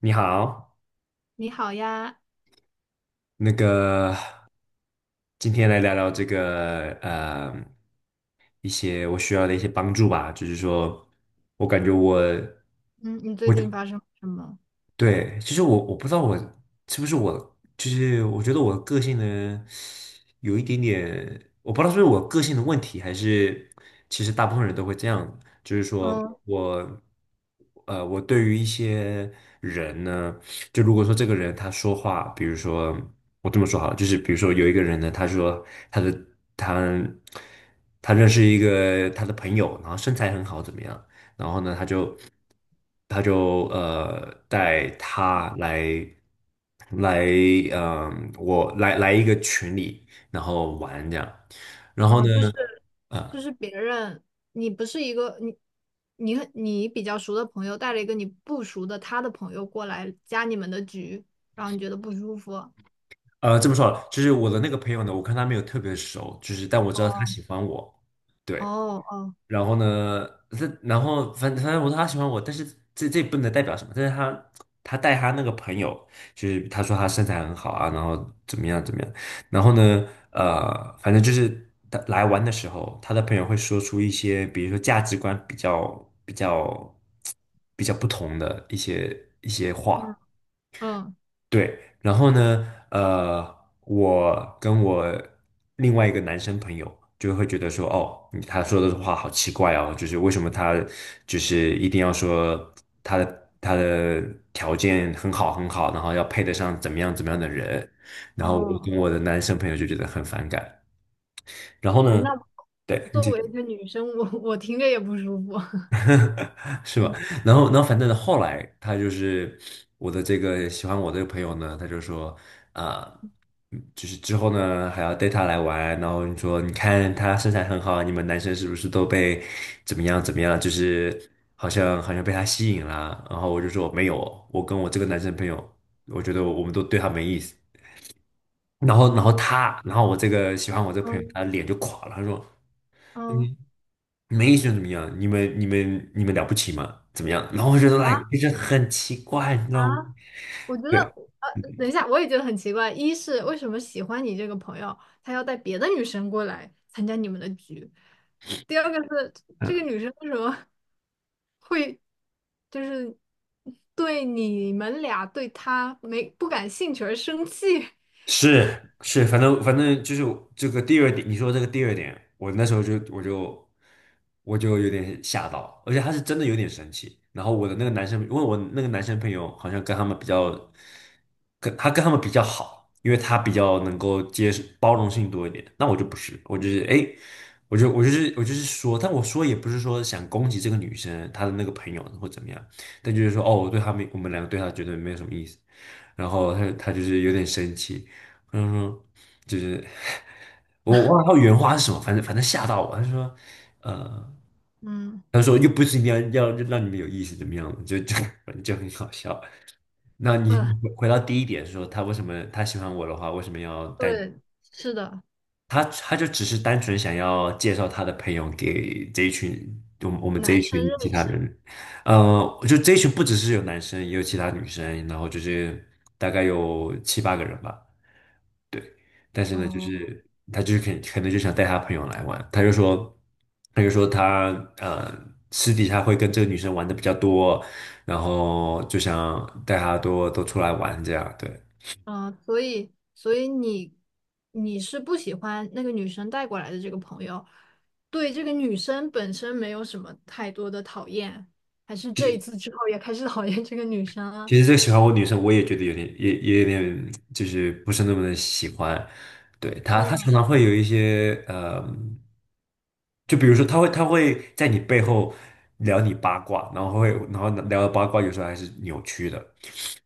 你好，你好呀。那个今天来聊聊一些我需要的一些帮助吧，就是说我感觉我嗯，你最我就近发生什么？对。其实我不知道我是不是我，就是我觉得我个性呢有一点点，我不知道是不是我个性的问题，还是其实大部分人都会这样，就是说嗯，我，我对于一些人呢，就如果说这个人他说话，比如说我这么说好了，就是比如说有一个人呢，他说他的他他认识一个他的朋友，然后身材很好，怎么样？然后呢，他就带他来来嗯、我来来一个群里，然后玩这样。然后哦，呢，就是别人，你不是一个你你比较熟的朋友带了一个你不熟的他的朋友过来加你们的局，然后你觉得不舒服。这么说好了就是我的那个朋友呢，我看他没有特别熟，就是但我知道他喜哦欢我，对。哦。哦然后呢，然后反正我说他喜欢我，但是这也不能代表什么。但是他带他那个朋友，就是他说他身材很好啊，然后怎么样怎么样。然后呢，反正就是他来玩的时候，他的朋友会说出一些，比如说价值观比较不同的一些话。嗯嗯对，然后呢，我跟我另外一个男生朋友就会觉得说，哦，你他说的话好奇怪哦，就是为什么他就是一定要说他的条件很好很好，然后要配得上怎么样怎么样的人，然哦后我跟哦。我的男生朋友就觉得很反感。然后嗯呢，那对，你作继为一续。个女生，我听着也不舒服。是吧？嗯 然后，反正后来他就是我的这个喜欢我这个朋友呢，他就说啊、就是之后呢还要带他来玩，然后你说你看他身材很好，你们男生是不是都被怎么样怎么样？就是好像被他吸引了。然后我就说没有，我跟我这个男生朋友，我觉得我们都对他没意思。然后，然后他，然后我这个喜欢我这个朋友，嗯他脸就垮了，他说。嗯。嗯没觉得怎么样？你们、你们、你们了不起吗？怎么样？然后我觉得 l 啊！ i k 就是很奇怪，你知啊！道吗？我觉得，对，等一下，我也觉得很奇怪。一是为什么喜欢你这个朋友，他要带别的女生过来参加你们的局？第二个是这个嗯，女生为什么 会就是对你们俩对她没不感兴趣而生气？是是，反正就是这个第二点，你说这个第二点，我那时候就我就我就有点吓到，而且他是真的有点生气。然后我的那个男生，因为我那个男生朋友好像跟他们比较，跟他们比较好，因为他比较能够接受包容性多一点。那我就不是，我就是说，但我说也不是说想攻击这个女生她的那个朋友或怎么样，但就是说哦，我们两个对他绝对没有什么意思。然后他就是有点生气。嗯哼，就是我忘了他原话是什么，反正吓到我。他说，呃，嗯，他说又不是一定要让你们有意思怎么样的就 反正就很好笑。那你嗯，你回到第一点说，他为什么他喜欢我的话，为什么要带对，是的。他？他就只是单纯想要介绍他的朋友给这一群我们这一男生群认其他识。人。就这一群不只是有男生，也有其他女生，然后就是大概有七八个人吧。对，但是呢，就哦。是他就是可能就想带他朋友来玩，他就说他呃私底下会跟这个女生玩的比较多，然后就想带她多多出来玩这样，对。嗯，所以你你是不喜欢那个女生带过来的这个朋友，对这个女生本身没有什么太多的讨厌，还是这一次之后也开始讨厌这个女生了？其实这个喜欢我女生，我也觉得有点，也有点，就是不是那么的喜欢。对她，她嗯。常常会有一些，就比如说，她会在你背后聊你八卦，然后然后聊的八卦有时候还是扭曲的。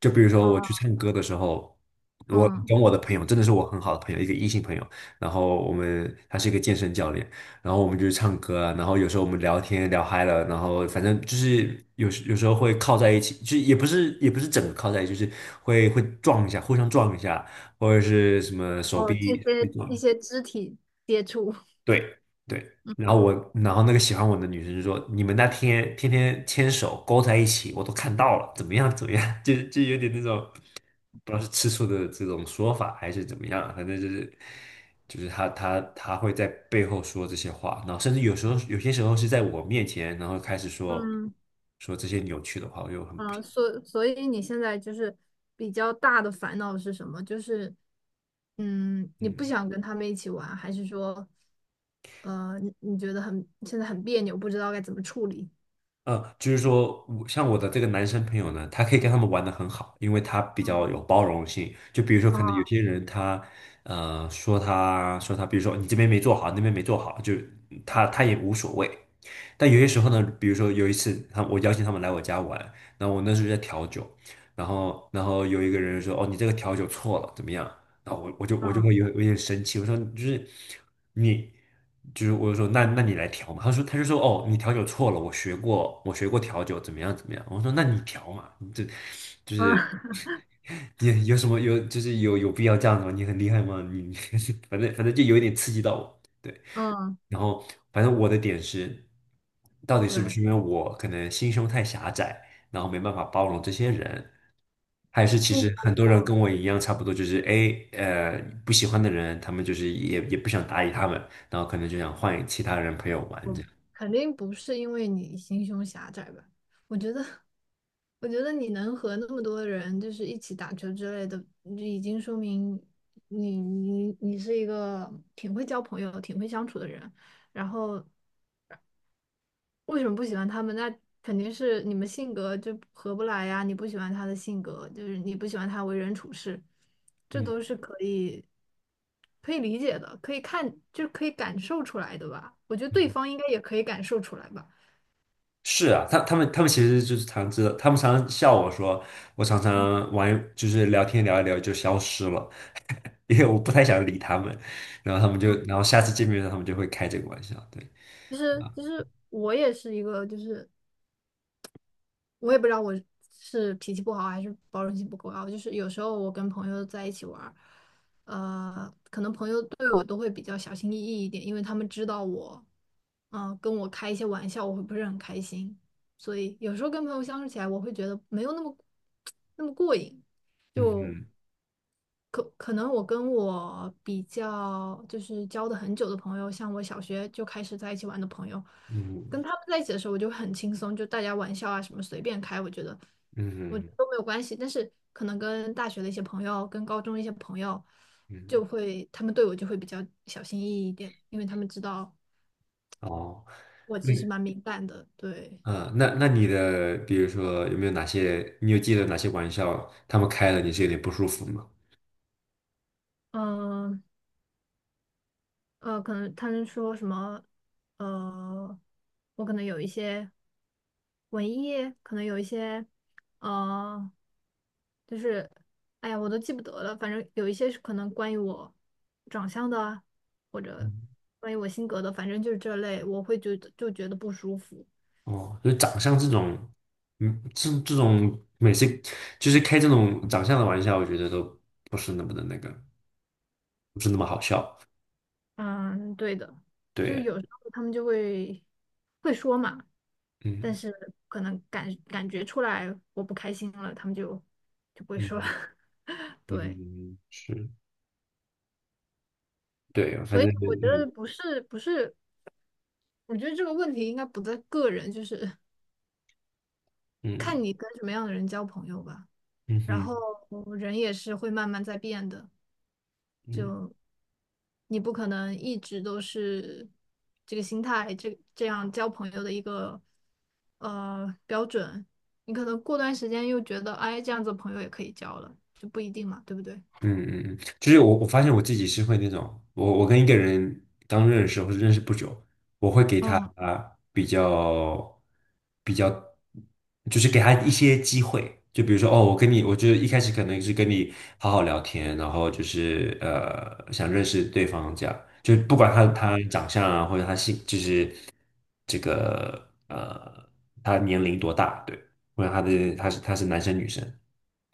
就比如说我去唱歌的时候，我嗯，跟我的朋友，真的是我很好的朋友，一个异性朋友，然后他是一个健身教练，然后我们就唱歌啊，然后有时候我们聊天聊嗨了，然后反正就是有时候会靠在一起，就也不是整个靠在一起，就是会撞一下，互相撞一下，或者是什么哦，这手臂些一撞，些肢体接触。对对。然后然后那个喜欢我的女生就说："你们那天天天牵手勾在一起，我都看到了，怎么样怎么样？" 就就有点那种，不知道是吃醋的这种说法还是怎么样，反正就是就是他他会在背后说这些话，然后甚至有时候是在我面前，然后开始嗯。说这些扭曲的话，我就很不，啊，所以你现在就是比较大的烦恼是什么？就是，嗯，你不嗯。想跟他们一起玩，还是说，你你觉得很现在很别扭，不知道该怎么处理？就是说我像我的这个男生朋友呢，他可以跟他们玩的很好，因为他比较有嗯包容性。就比如说，可能有嗯些人他，呃，说他说他，比如说你这边没做好，那边没做好，就他也无所谓。但有些时候呢，比如说有一次我邀请他们来我家玩，然后我那时候在调酒，然后有一个人说，哦，你这个调酒错了，怎么样？然后我就会嗯有点生气，我说就是你，我就说那你来调嘛，他就说哦你调酒错了，我学过调酒怎么样怎么样，我说那你调嘛，你这就嗯。是 你有什么有就是有有必要这样子吗？你很厉害吗？你 反正就有一点刺激到我，对，嗯，然后反正我的点是，到底是不对。是因为我可能心胸太狭窄，然后没办法包容这些人，还是其不实不很多人跟不。我一样，差不多就是不喜欢的人，他们就是也不想搭理他们，然后可能就想换其他人陪我玩这我样。肯定不是因为你心胸狭窄吧？我觉得，我觉得你能和那么多人就是一起打球之类的，就已经说明你你是一个挺会交朋友、挺会相处的人。然后为什么不喜欢他们？那肯定是你们性格就合不来呀。你不喜欢他的性格，就是你不喜欢他为人处事，这嗯都是可以理解的，可以看，就是可以感受出来的吧？我觉得对嗯，方应该也可以感受出来吧。是啊，他他们其实就是常知道，他们常常笑我说，我常常玩就是聊天聊一聊就消失了，因为我不太想理他们，然后他们然后下次见面的时候他们就会开这个玩笑，对，其实我也是一个，就是我也不知道我是脾气不好还是包容性不够高，就是有时候我跟朋友在一起玩儿，可能朋友对我都会比较小心翼翼一点，因为他们知道我，跟我开一些玩笑，我会不是很开心，所以有时候跟朋友相处起来，我会觉得没有那么 那么过瘾，嗯就嗯可能我跟我比较就是交的很久的朋友，像我小学就开始在一起玩的朋友，嗯跟他们在一起的时候，我就很轻松，就大家玩笑啊什么随便开，我觉嗯得都没有关系。但是可能跟大学的一些朋友，跟高中的一些朋友，嗯，就会他们对我就会比较小心翼翼一点，因为他们知道哦。我其实蛮敏感的。对。那你的，比如说有没有哪些，你有记得哪些玩笑他们开了你是有点不舒服吗？嗯，可能他们说什么，呃，我可能有一些文艺，可能有一些，呃，就是，哎呀，我都记不得了，反正有一些是可能关于我长相的啊或者嗯。关于我性格的，反正就是这类，我会觉得就觉得不舒服。哦，就是长相这种，嗯，这种每次就是开这种长相的玩笑，我觉得都不是那么的不是那么好笑。嗯，对的，就对，有时候他们就会会说嘛，但嗯是可能感觉出来我不开心了，他们就不会说了。嗯 嗯，对。嗯嗯，是，对，反所以正我觉嗯得不是，我觉得这个问题应该不在个人，就是 嗯看你跟什么样的人交朋友吧。嗯然哼后人也是会慢慢在变的。嗯。你不可能一直都是这个心态，这样交朋友的一个标准。你可能过段时间又觉得，哎，这样子朋友也可以交了，就不一定嘛，对不对？嗯嗯嗯，就是我发现我自己是会那种，我跟一个人刚认识或者认识不久，我会给他嗯，啊比较，比较，就是给他一些机会，就比如说哦，我跟你，我就一开始可能是跟你好好聊天，然后就是呃想认识对方这样，就不管他长相啊或者就是这个他年龄多大，对，或者他是男生女生。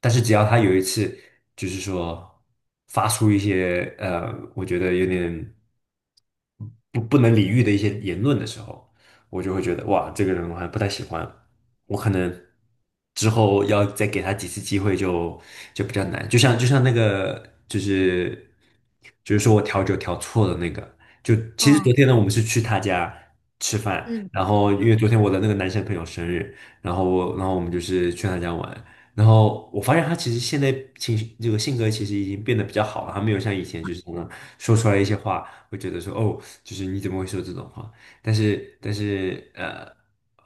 但是只要他有一次，就是说发出一些呃，我觉得有点不能理喻的一些言论的时候，我就会觉得哇，这个人我还不太喜欢，我可能之后要再给他几次机会就比较难。就像就是说我调酒调错了那个，就其实昨嗯天呢，我们是去他家吃饭，嗯，然后因对。为昨天我的那个男生朋友生日，然后我们就是去他家玩。然后我发现他其实现在情绪这个性格其实已经变得比较好了，他没有像以前就是常常说出来一些话，会觉得说哦，就是你怎么会说这种话？但是但是呃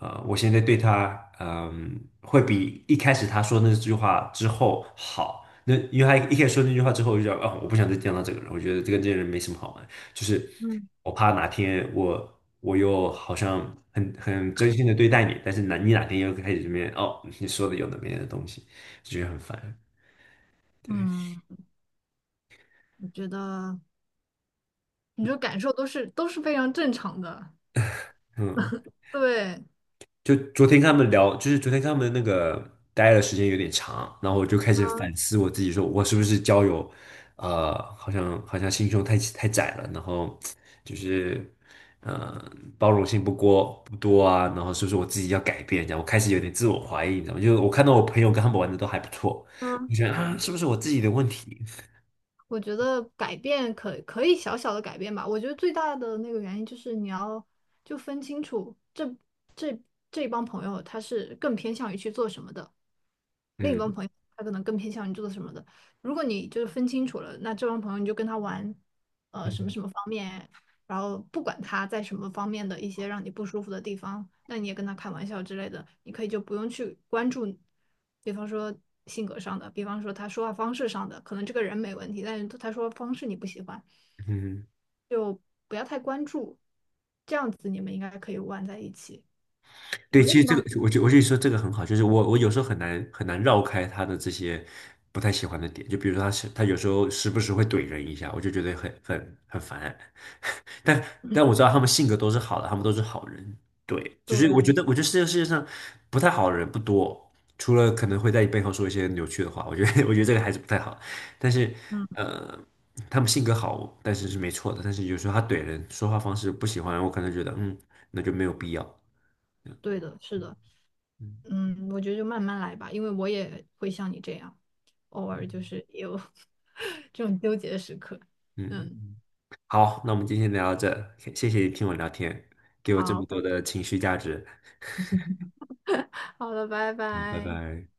呃，我现在对他会比一开始他说那句话之后好。那因为他一开始说那句话之后，我就觉得哦，我不想再见到这个人，我觉得跟这个人没什么好玩。就是嗯我怕哪天我又好像很真心的对待你，但是你哪天又开始这边哦，你说的有的没的东西，就觉得很烦。对，嗯，我觉得你这感受都是非常正常的，嗯对。就昨天跟他们聊，就是昨天跟他们那个待的时间有点长，然后我就开始反嗯思我自己，说我是不是交友，好像心胸太窄了，然后就是呃包容性不多啊，然后是不是我自己要改变？这样我开始有点自我怀疑，你知道吗？就是我看到我朋友跟他们玩的都还不错，我嗯。觉得啊，是不是我自己的问题？我觉得改变可以小小的改变吧。我觉得最大的那个原因就是你要就分清楚这这帮朋友他是更偏向于去做什么的，另一帮嗯朋友他可能更偏向于做什么的。如果你就是分清楚了，那这帮朋友你就跟他玩，呃，什么嗯什么方面，然后不管他在什么方面的一些让你不舒服的地方，那你也跟他开玩笑之类的，你可以就不用去关注，比方说性格上的，比方说他说话方式上的，可能这个人没问题，但是他说话方式你不喜欢，嗯。就不要太关注，这样子你们应该可以玩在一起。有对，其另实一这个帮，我就说这个很好，就是我有时候很难很难绕开他的这些不太喜欢的点，就比如说他有时候时不时会怼人一下，我就觉得很很很烦。但我知道他们性格都是好的，他们都是好人。对，就是我觉对。得我觉得这个世界上不太好的人不多，除了可能会在你背后说一些扭曲的话，我觉得 我觉得这个还是不太好。但是嗯，呃，他们性格好，但是是没错的。但是有时候他怼人说话方式不喜欢，我可能觉得嗯，那就没有必要。对的，是的。嗯嗯，我觉得就慢慢来吧，因为我也会像你这样，偶尔就是也有 这种纠结的时刻。嗯。嗯，好，那我们今天聊到这，谢谢你听我聊天，给我这么好，多的情绪价值。好了，拜好，拜拜。拜。